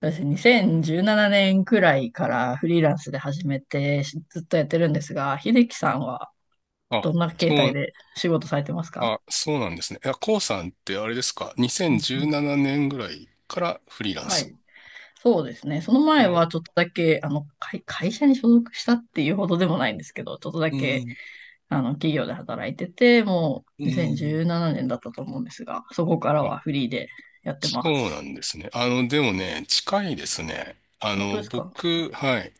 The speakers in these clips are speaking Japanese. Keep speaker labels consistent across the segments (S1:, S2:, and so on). S1: そうですね。2017年くらいからフリーランスで始めてずっとやってるんですが、秀樹さんは
S2: あ、
S1: どんな形
S2: そ
S1: 態
S2: う、
S1: で仕事されてますか？
S2: そうなんですね。いや、コウさんってあれですか
S1: うんうん。
S2: ?2017 年ぐらいからフリーラン
S1: は
S2: ス。
S1: い。そうですね。その前は
S2: あ、
S1: ちょっとだけ、あの、会社に所属したっていうほどでもないんですけど、ちょっとだ
S2: う
S1: け、
S2: ん、
S1: あの、企業で働いてて、も
S2: う
S1: う
S2: ん。
S1: 2017年だったと思うんですが、そこから
S2: あ、
S1: はフリーでやってま
S2: そうな
S1: す。
S2: んですね。あの、でもね、近いですね。あ
S1: 本当
S2: の、
S1: ですか？
S2: 僕、はい。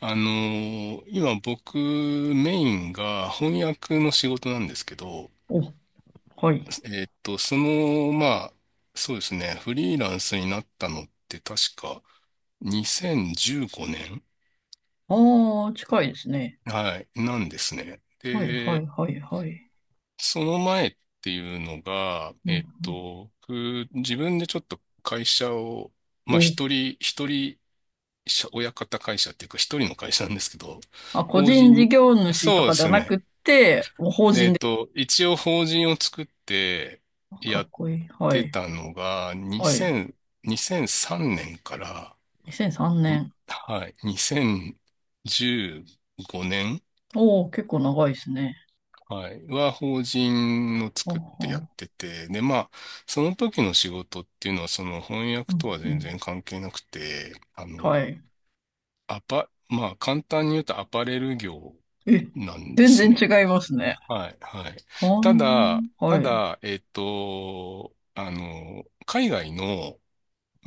S2: あの、今僕、メインが翻訳の仕事なんですけど、
S1: お、はい。
S2: その、まあ、そうですね、フリーランスになったのって確か2015年、
S1: ああ、近いですね。
S2: はい、なんですね。
S1: はい、はい、
S2: で、
S1: はい、はい。
S2: その前っていうのが、
S1: うん
S2: 僕自分でちょっと会社を、ま
S1: う
S2: あ
S1: ん。
S2: 一人、一人社、親方会社っていうか一人の会社なんですけど、
S1: まあ、個
S2: 法
S1: 人事
S2: 人、
S1: 業主と
S2: そうで
S1: かでは
S2: す
S1: なく
S2: ね。
S1: て、もう法人で。
S2: 一応法人を作って
S1: か
S2: や
S1: っ
S2: っ
S1: こいい。は
S2: て
S1: い。
S2: たのが、
S1: はい。
S2: 2000、2 3年から、
S1: 2003
S2: に、
S1: 年。
S2: はい、2015年、
S1: おお、結構長いですね。
S2: はい。法人を
S1: は
S2: 作っ
S1: あ
S2: てやっ
S1: は。
S2: てて、で、まあ、その時の仕事っていうのは、その翻
S1: う
S2: 訳
S1: ん
S2: とは
S1: う
S2: 全
S1: ん。
S2: 然関係なくて、あ
S1: は
S2: の、
S1: い。
S2: まあ、簡単に言うとアパレル業
S1: え、
S2: なんで
S1: 全
S2: す
S1: 然違
S2: ね。
S1: いますね。
S2: はい、はい。
S1: は
S2: ただ、
S1: ん。はい。
S2: あの、海外の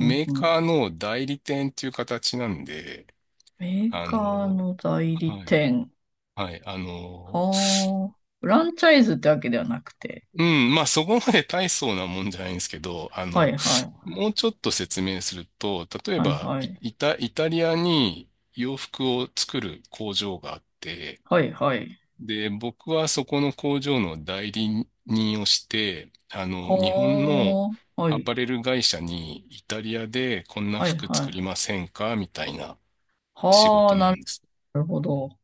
S1: うん
S2: ー
S1: う
S2: カー
S1: ん。
S2: の代理店っていう形なんで、
S1: メー
S2: あ
S1: カー
S2: の、
S1: の代理
S2: はい、
S1: 店。
S2: はい、あの、
S1: はあ。フランチャイズってわけではなくて。
S2: うん、まあそこまで大層なもんじゃないんですけど、あ
S1: は
S2: の、
S1: いはい。
S2: もうちょっと説明すると、例え
S1: はい
S2: ば
S1: はい。
S2: イタリアに洋服を作る工場があって、
S1: はいはい。
S2: で、僕はそこの工場の代理人をして、あの、日本の
S1: はあ。は
S2: アパ
S1: い。
S2: レル会社にイタリアでこんな
S1: はい
S2: 服
S1: は
S2: 作り
S1: い。
S2: ませんかみたいな仕
S1: は
S2: 事
S1: あ、
S2: なん
S1: な
S2: です。
S1: るほど。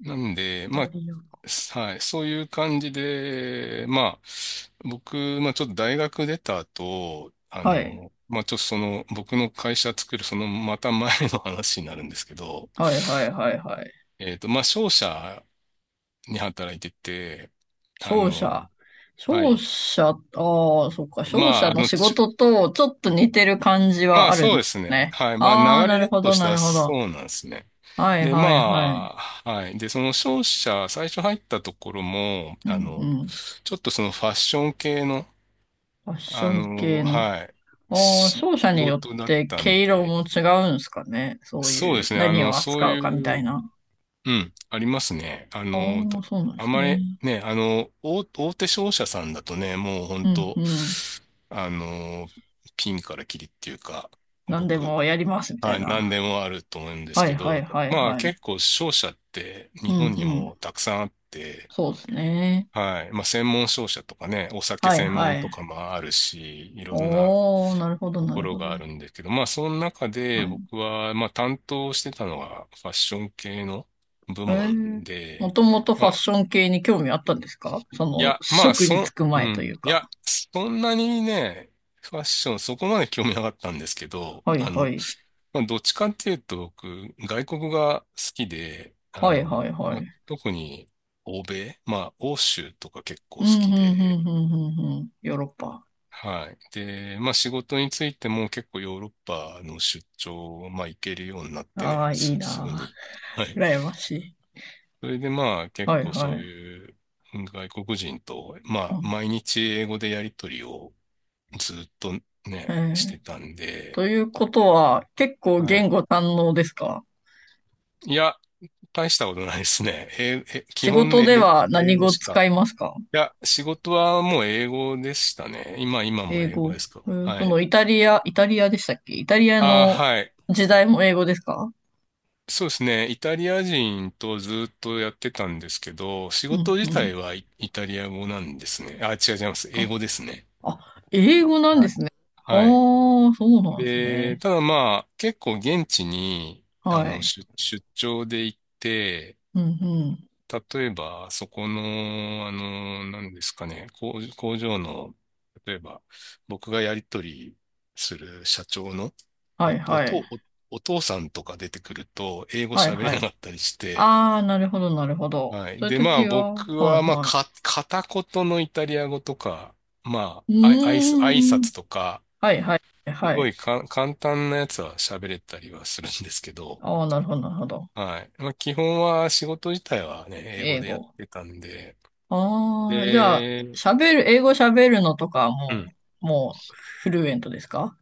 S2: なんで、
S1: イ
S2: ま
S1: タリア。
S2: あ、はい、そういう感じで、まあ、僕、まあちょっと大学出た後、あ
S1: はい。
S2: の、まあちょっとその、僕の会社作るそのまた前の話になるんですけど、
S1: はいはいはいはい。
S2: まあ商社に働いてて、あ
S1: 商
S2: の、
S1: 社。
S2: は
S1: 商
S2: い。
S1: 社、ああ、そっか。
S2: ま
S1: 商
S2: あ、
S1: 社
S2: あ
S1: の
S2: の、
S1: 仕事とちょっと似てる感じ
S2: ま
S1: は
S2: あ、
S1: ある
S2: そう
S1: ん
S2: で
S1: で
S2: す
S1: す
S2: ね。
S1: ね。
S2: はい。まあ
S1: ああ、
S2: 流
S1: なる
S2: れ
S1: ほ
S2: と
S1: ど、
S2: し
S1: な
S2: た
S1: るほど。
S2: そうなんですね。
S1: はい
S2: で、
S1: はいはい。
S2: まあ、はい。で、その商社、最初入ったところも、
S1: う
S2: あ
S1: ん
S2: の、
S1: うん。
S2: ちょっとそのファッション系の、
S1: ファッシ
S2: あ
S1: ョン
S2: の、
S1: 系の。
S2: はい、
S1: ああ、商社
S2: 仕
S1: によっ
S2: 事だっ
S1: て
S2: た
S1: 毛
S2: ん
S1: 色
S2: で、
S1: も違うんですかね。そう
S2: そうで
S1: いう、
S2: すね。あ
S1: 何
S2: の、
S1: を
S2: そう
S1: 扱うかみ
S2: い
S1: たい
S2: う、
S1: な。
S2: うん、ありますね。あ
S1: あ
S2: の、
S1: あ、そうなんで
S2: あ
S1: す
S2: ま
S1: ね。
S2: りね、あの、大手商社さんだとね、もう本
S1: うんう
S2: 当、
S1: ん。
S2: あの、ピンからキリっていうか、ご
S1: 何で
S2: く
S1: もやりますみた
S2: は
S1: い
S2: い、
S1: な。
S2: 何でもあると思うんです
S1: はい
S2: け
S1: はい
S2: ど、
S1: はい
S2: まあ
S1: は
S2: 結
S1: い。
S2: 構商社って
S1: う
S2: 日
S1: んう
S2: 本に
S1: ん。
S2: もたくさんあって、
S1: そうですね。
S2: はい、まあ専門商社とかね、お酒
S1: はい
S2: 専
S1: は
S2: 門と
S1: い。
S2: かもあるし、いろんな
S1: おー、なるほど、
S2: と
S1: な
S2: こ
S1: る
S2: ろ
S1: ほ
S2: があ
S1: ど。
S2: るんですけど、まあその中で
S1: はい。
S2: 僕はまあ担当してたのがファッション系の部
S1: えー、
S2: 門
S1: も
S2: で、
S1: ともとフ
S2: ま
S1: ァッ
S2: あ、
S1: ション系に興味あったんですか？そ
S2: い
S1: の、
S2: や、
S1: 職に就く前という
S2: い
S1: か。
S2: や、そんなにね、ファッションそこまで興味なかったんですけど、
S1: はい、
S2: あ
S1: は
S2: の、
S1: い。
S2: まあ、どっちかっていうと、僕、外国が好きで、あ
S1: はい、はい、
S2: の、
S1: は
S2: ま
S1: い。
S2: あ、特に欧米、まあ、欧州とか結構
S1: う
S2: 好
S1: ん、うん、
S2: き
S1: う
S2: で、
S1: ん、うん、うん、うん。ヨーロッパ。
S2: はい。で、まあ、仕事についても結構ヨーロッパの出張、まあ、行けるようになって
S1: あ
S2: ね、
S1: あ、いい
S2: すぐ
S1: なあ。
S2: に。はい。
S1: 羨ましい。
S2: それでまあ、結
S1: はい、
S2: 構そ
S1: は
S2: う
S1: い。
S2: いう外国人と、ま
S1: う
S2: あ、
S1: ん、
S2: 毎日英語でやりとりをずっと
S1: え
S2: ね、して
S1: ー、
S2: たんで、
S1: ということは、結構
S2: はい。
S1: 言語堪能ですか？
S2: いや、大したことないですね。基
S1: 仕
S2: 本
S1: 事では
S2: 英
S1: 何
S2: 語
S1: 語
S2: し
S1: 使
S2: か。
S1: いますか？
S2: いや、仕事はもう英語でしたね。今、今も
S1: 英
S2: 英語
S1: 語。
S2: ですか。
S1: えー
S2: は
S1: そ
S2: い。
S1: のイタリアでしたっけ、イタリア
S2: ああ、
S1: の
S2: はい。
S1: 時代も英語ですか？
S2: そうですね。イタリア人とずっとやってたんですけど、仕
S1: う
S2: 事
S1: んう
S2: 自体
S1: ん。
S2: はイタリア語なんですね。あ、違う、違います。英
S1: あ、
S2: 語ですね。
S1: あ、英語なん
S2: は
S1: で
S2: い。
S1: すね。
S2: はい。
S1: はあ、そうなんです
S2: で、
S1: ね。
S2: ただまあ、結構現地に、あ
S1: は
S2: の、
S1: い。
S2: 出張で行って、
S1: うん、うん。
S2: 例えば、そこの、あの、何ですかね、工場の、例えば、僕がやり取りする社長のお、
S1: はい、
S2: お
S1: はい。
S2: 父、お、お父さんとか出てくると、英語
S1: はい、
S2: 喋れ
S1: は
S2: なか
S1: い。
S2: ったりして、
S1: ああ、なるほど、なるほど。
S2: は
S1: そ
S2: い。
S1: ういう
S2: で、まあ、
S1: 時は、は
S2: 僕
S1: い、
S2: は、まあ、
S1: は
S2: 片言のイタリア語とか、ま
S1: い。
S2: あ、あい、あい、挨
S1: うーん。
S2: 拶とか、
S1: はい、はい、
S2: す
S1: は
S2: ご
S1: い。
S2: いか、簡単なやつは喋れたりはするんですけど、
S1: ああ、なるほど、なるほど。
S2: はい。まあ、基本は仕事自体はね、英語
S1: 英
S2: でやっ
S1: 語。
S2: てたんで、
S1: ああ、じゃあ、
S2: で、
S1: 喋る、英語喋るのとかは
S2: う
S1: も
S2: ん。
S1: う、もう、フルエントですか？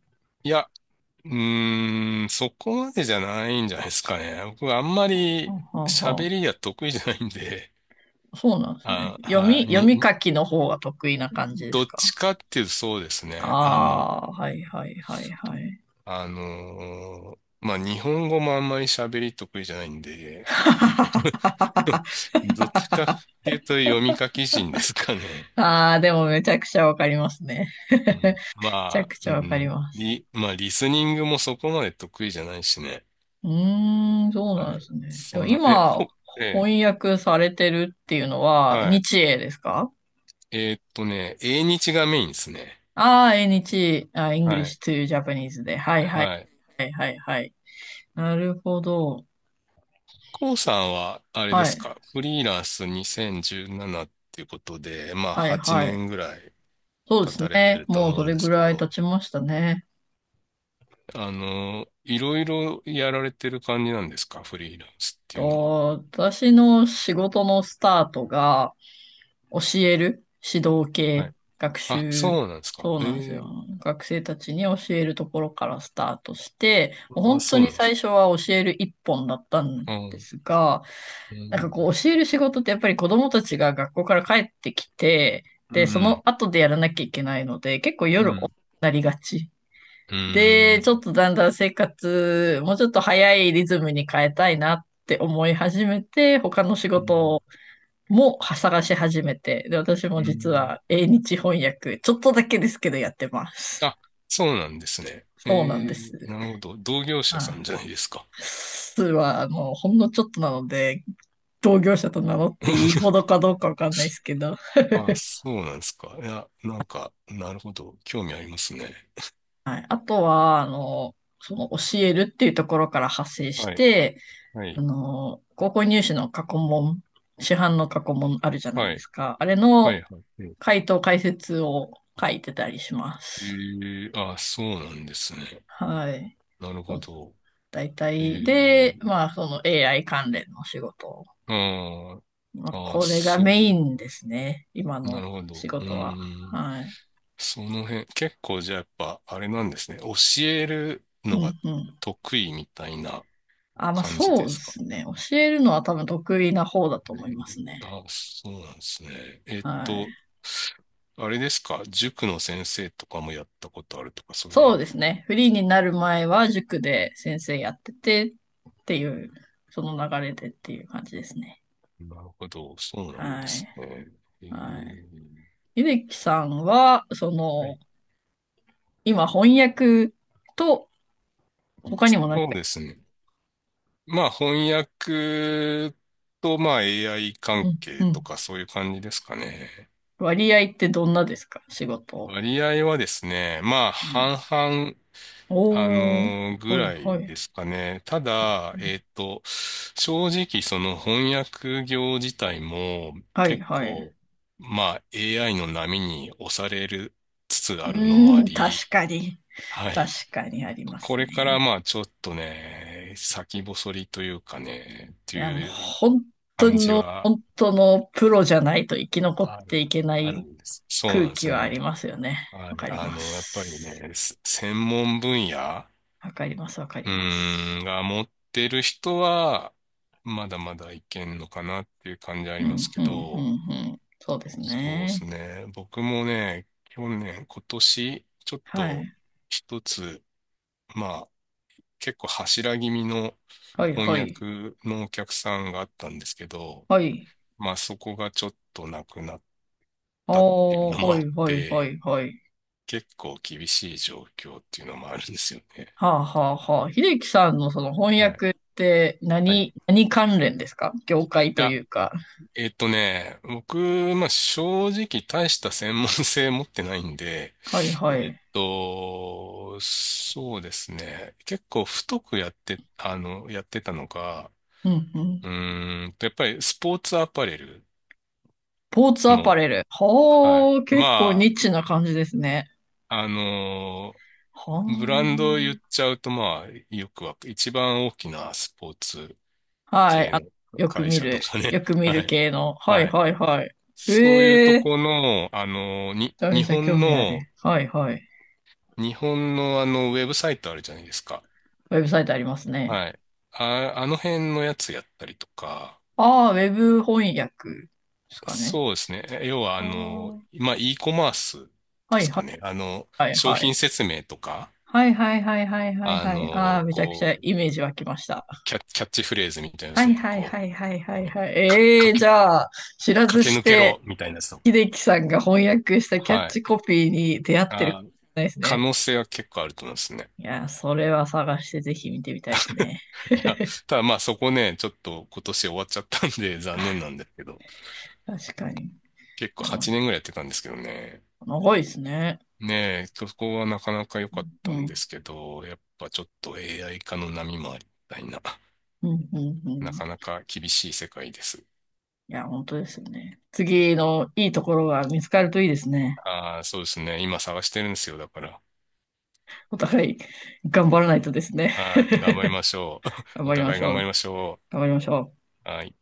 S2: いや、うーん、そこまでじゃないんじゃないですかね。僕はあんまり
S1: はあ、はあ、は
S2: 喋りが得意じゃないんで、
S1: あ。そうなんですね。
S2: あ、
S1: 読み、
S2: はい、
S1: 読み書きの方が得意な感じで
S2: ど
S1: す
S2: っち
S1: か？
S2: かっていうとそうですね。あの、
S1: ああ、はい、はい、はい、はい。
S2: あのーまあ、日本語もあんまり喋り得意じゃないんで、どっちかっていうと読み書き人ですかね。
S1: ああ、でもめちゃくちゃわかりますね。
S2: うん、
S1: めちゃ
S2: まあ、
S1: くち
S2: う
S1: ゃわかり
S2: ん、
S1: ます。
S2: まあ、リスニングもそこまで得意じゃないしね。
S1: うーん、そう
S2: は
S1: なんで
S2: い。
S1: すね。で
S2: そ
S1: も
S2: んな、え、
S1: 今、
S2: こ、え
S1: 翻訳されてるっていうの
S2: ー、
S1: は、
S2: は
S1: 日英ですか？
S2: い。英日がメインですね。
S1: ああー、英日、あ、
S2: は
S1: English
S2: い。
S1: to Japanese で。はいはい。
S2: はい。
S1: はいはいはい。なるほど。
S2: コウさんは、あれで
S1: は
S2: す
S1: い。
S2: か、フリーランス2017っていうことで、まあ、
S1: はい
S2: 8
S1: はい。
S2: 年ぐらい
S1: そう
S2: 経
S1: です
S2: たれて
S1: ね。
S2: ると
S1: もう
S2: 思う
S1: そ
S2: ん
S1: れ
S2: で
S1: ぐ
S2: すけ
S1: らい
S2: ど、
S1: 経ちましたね。
S2: あの、いろいろやられてる感じなんですか、フリーランスっていうのは。
S1: と、私の仕事のスタートが、教える指導
S2: は
S1: 系、
S2: い。
S1: 学
S2: あ、
S1: 習、
S2: そうなんですか。
S1: そう
S2: え
S1: なんですよ。
S2: え、
S1: 学生たちに教えるところからスタートして、もう
S2: あ、
S1: 本当
S2: そう
S1: に
S2: なんで
S1: 最
S2: す。
S1: 初は教える一本だったん
S2: う
S1: で
S2: ん。
S1: すが、
S2: う
S1: なんかこ
S2: ん。
S1: う教える仕事ってやっぱり子供たちが学校から帰ってきて、
S2: う
S1: で、その
S2: ん。
S1: 後でやらなきゃいけないので、結構
S2: う
S1: 夜遅く
S2: ん。
S1: なりがち。
S2: う
S1: で、
S2: ん。
S1: ちょっとだんだん生活、もうちょっと早いリズムに変えたいなって思い始めて、他の仕
S2: うん。
S1: 事も探し始めて、で、私も
S2: う
S1: 実
S2: ん。
S1: は英日翻訳、ちょっとだけですけどやってます。
S2: あ、そうなんですね。え
S1: そうなんで
S2: ー、
S1: す。
S2: なるほど。同業者
S1: は
S2: さんじゃ
S1: い。
S2: ないですか。
S1: 数は、あの、ほんのちょっとなので、同業者と名乗っていいほど かどうかわかんないですけど、
S2: あ、そうなんですか。いや、なんか、なるほど。興味ありますね。
S1: はい。あとは、あの、その教えるっていうところから派生し
S2: はい、
S1: て、
S2: は
S1: あ
S2: い、
S1: の、高校入試の過去問、市販の過去問あるじゃない
S2: は
S1: で
S2: い、
S1: すか。あれ
S2: は
S1: の
S2: い、はい。うん、
S1: 回答解説を書いてたりしま
S2: え
S1: す。
S2: ー、あ、そうなんですね。
S1: はい。
S2: なるほ
S1: そ
S2: ど。
S1: 大
S2: え
S1: 体で、
S2: ー、
S1: まあ、その AI 関連の仕事。
S2: あー、
S1: まあ、
S2: あー、
S1: これが
S2: そ
S1: メインですね。今
S2: う、な
S1: の
S2: るほ
S1: 仕
S2: ど。う
S1: 事は。
S2: ーん。
S1: はい。
S2: その辺、結構じゃあやっぱ、あれなんですね。教える
S1: う
S2: のが
S1: んうん。
S2: 得意みたいな
S1: あ、まあ、
S2: 感じ
S1: そ
S2: で
S1: うで
S2: すか？
S1: すね。教えるのは多分得意な方だと
S2: え
S1: 思いますね。
S2: ー、あ、そうなんですね。
S1: はい。
S2: あれですか、塾の先生とかもやったことあるとか、そうい
S1: そうで
S2: う。
S1: すね。フリーになる前は塾で先生やっててっていう、その流れでっていう感じですね。
S2: なるほど、そうなんで
S1: はい。
S2: すね。え
S1: はい。
S2: ー、
S1: 秀樹さんは、そ
S2: は
S1: の、
S2: い。
S1: 今翻訳と他にも何か、
S2: そうですね。まあ、翻訳と、まあ、AI
S1: う
S2: 関
S1: ん、う
S2: 係と
S1: ん、
S2: か、そういう感じですかね。
S1: 割合ってどんなですか？仕事。
S2: 割合はですね、まあ、
S1: はい。
S2: 半々、
S1: おー、
S2: ぐ
S1: はい
S2: ら
S1: は
S2: い
S1: い。
S2: ですかね。た
S1: う
S2: だ、
S1: ん。
S2: 正直、その翻訳業自体も
S1: はい
S2: 結
S1: はい。
S2: 構、まあ、AI の波に押されるつつ
S1: う
S2: あるのも
S1: ー
S2: あ
S1: ん、
S2: り、
S1: 確かに。
S2: はい。
S1: 確かにありま
S2: こ
S1: す
S2: れから、
S1: ね。
S2: まあ、ちょっとね、先細りというかね、って
S1: いや、もう
S2: いう
S1: 本当
S2: 感じ
S1: の、
S2: は
S1: 本当のプロじゃないと生き残っ
S2: あ
S1: てい
S2: る、
S1: けな
S2: ある
S1: い
S2: んです。そう
S1: 空
S2: なんで
S1: 気
S2: す
S1: はあり
S2: ね。
S1: ますよね。
S2: は
S1: わか
S2: い、
S1: り
S2: あ
S1: ま
S2: の、やっぱり
S1: す。
S2: ね、専門分野、
S1: わかります、わかり
S2: う
S1: ま
S2: ー
S1: す。
S2: ん、が持ってる人は、まだまだいけんのかなっていう感じあり
S1: う
S2: ます
S1: ん、
S2: け
S1: うん、うん、
S2: ど、
S1: うん。そうです
S2: そうです
S1: ね。
S2: ね。僕もね、去年、今年、ちょっ
S1: は
S2: と
S1: い。
S2: 一つ、まあ、結構柱気味の
S1: はいは
S2: 翻
S1: い。
S2: 訳のお客さんがあったんですけど、
S1: はい。
S2: まあそこがちょっとなくなったっていう
S1: お
S2: の
S1: ー、
S2: も
S1: は
S2: あ
S1: い
S2: っ
S1: はいは
S2: て、
S1: いはい。
S2: 結構厳しい状況っていうのもあるんですよね。
S1: はあはあはあ。秀樹さんのその翻
S2: はい。
S1: 訳って
S2: はい、
S1: 何、何関連ですか？業界
S2: い
S1: と
S2: や、
S1: いうか。
S2: 僕、まあ、正直大した専門性持ってないんで、
S1: はいはい。
S2: そうですね。結構太くやって、あの、やってたのが、
S1: うんうん。
S2: うーんと、やっぱりスポーツアパレル
S1: ポーツアパ
S2: の、
S1: レル。
S2: はい。
S1: はあ、結構ニ
S2: ま
S1: ッチな感じですね。
S2: あ、あの、ブラン
S1: は
S2: ドを言っちゃうと、まあ、よくわ、一番大きなスポーツ
S1: あ。はい。
S2: 系
S1: あ、
S2: の
S1: よく
S2: 会
S1: 見
S2: 社と
S1: る。
S2: かね。
S1: よく 見
S2: は
S1: る
S2: い。
S1: 系の。はい
S2: はい、
S1: はいはい。
S2: そういう
S1: え
S2: と
S1: えー。め
S2: この、あの、
S1: ちゃ
S2: 日
S1: めちゃ興
S2: 本
S1: 味ある。
S2: の、
S1: はいはい。
S2: 日本のあの、ウェブサイトあるじゃないですか。
S1: ウェブサイトありますね。
S2: はい。あ、あの辺のやつやったりとか、
S1: ああ、ウェブ翻訳ですかね。
S2: そうですね。要は、
S1: あ
S2: あの、
S1: あ、
S2: まあ、e コマース
S1: は
S2: で
S1: い
S2: す
S1: は
S2: か
S1: い
S2: ね。あの、
S1: はい
S2: 商
S1: はい。
S2: 品説明とか、
S1: はいはいはいはいはい
S2: あ
S1: はい。ああ、
S2: の、
S1: めちゃくち
S2: こ
S1: ゃ
S2: う、
S1: イメージ湧きました。
S2: キャッチフレーズみたいなやつ
S1: は
S2: と
S1: い
S2: か、
S1: はい
S2: こ
S1: はいはいは
S2: う、
S1: い
S2: ね
S1: はい。
S2: か、
S1: え
S2: か
S1: えー、じ
S2: け、
S1: ゃあ、知らず
S2: 駆け
S1: し
S2: 抜けろ
S1: て、
S2: みたいなやつとか。
S1: 秀樹さんが翻訳したキャッ
S2: はい。
S1: チコピーに出会ってるか
S2: あ、
S1: もしれないです
S2: 可
S1: ね。
S2: 能性は結構あると思うんですね。
S1: いやー、それは探してぜひ見てみたいですね。
S2: いや、ただまあそこね、ちょっと今年終わっちゃったんで残念なんですけど、
S1: 確かに。い
S2: 結構
S1: や、まあ、
S2: 8年ぐらいやってたんですけどね。
S1: 長いですね。
S2: ねえ、そこはなかなか良かっ
S1: う
S2: た
S1: ん、
S2: ん
S1: う
S2: ですけど、やっぱちょっと AI 化の波もありみたいな、
S1: ん、うん、う
S2: な
S1: ん。
S2: かなか厳しい世界です。
S1: いや、本当ですよね。次のいいところが見つかるといいですね。
S2: ああ、そうですね。今探してるんですよ、だから。
S1: お互い頑張らないとですね。
S2: はい、頑張りましょ
S1: 頑
S2: う。お
S1: 張りま
S2: 互い
S1: し
S2: 頑
S1: ょ
S2: 張り
S1: う。
S2: ましょ
S1: 頑張りましょう。
S2: う。はい。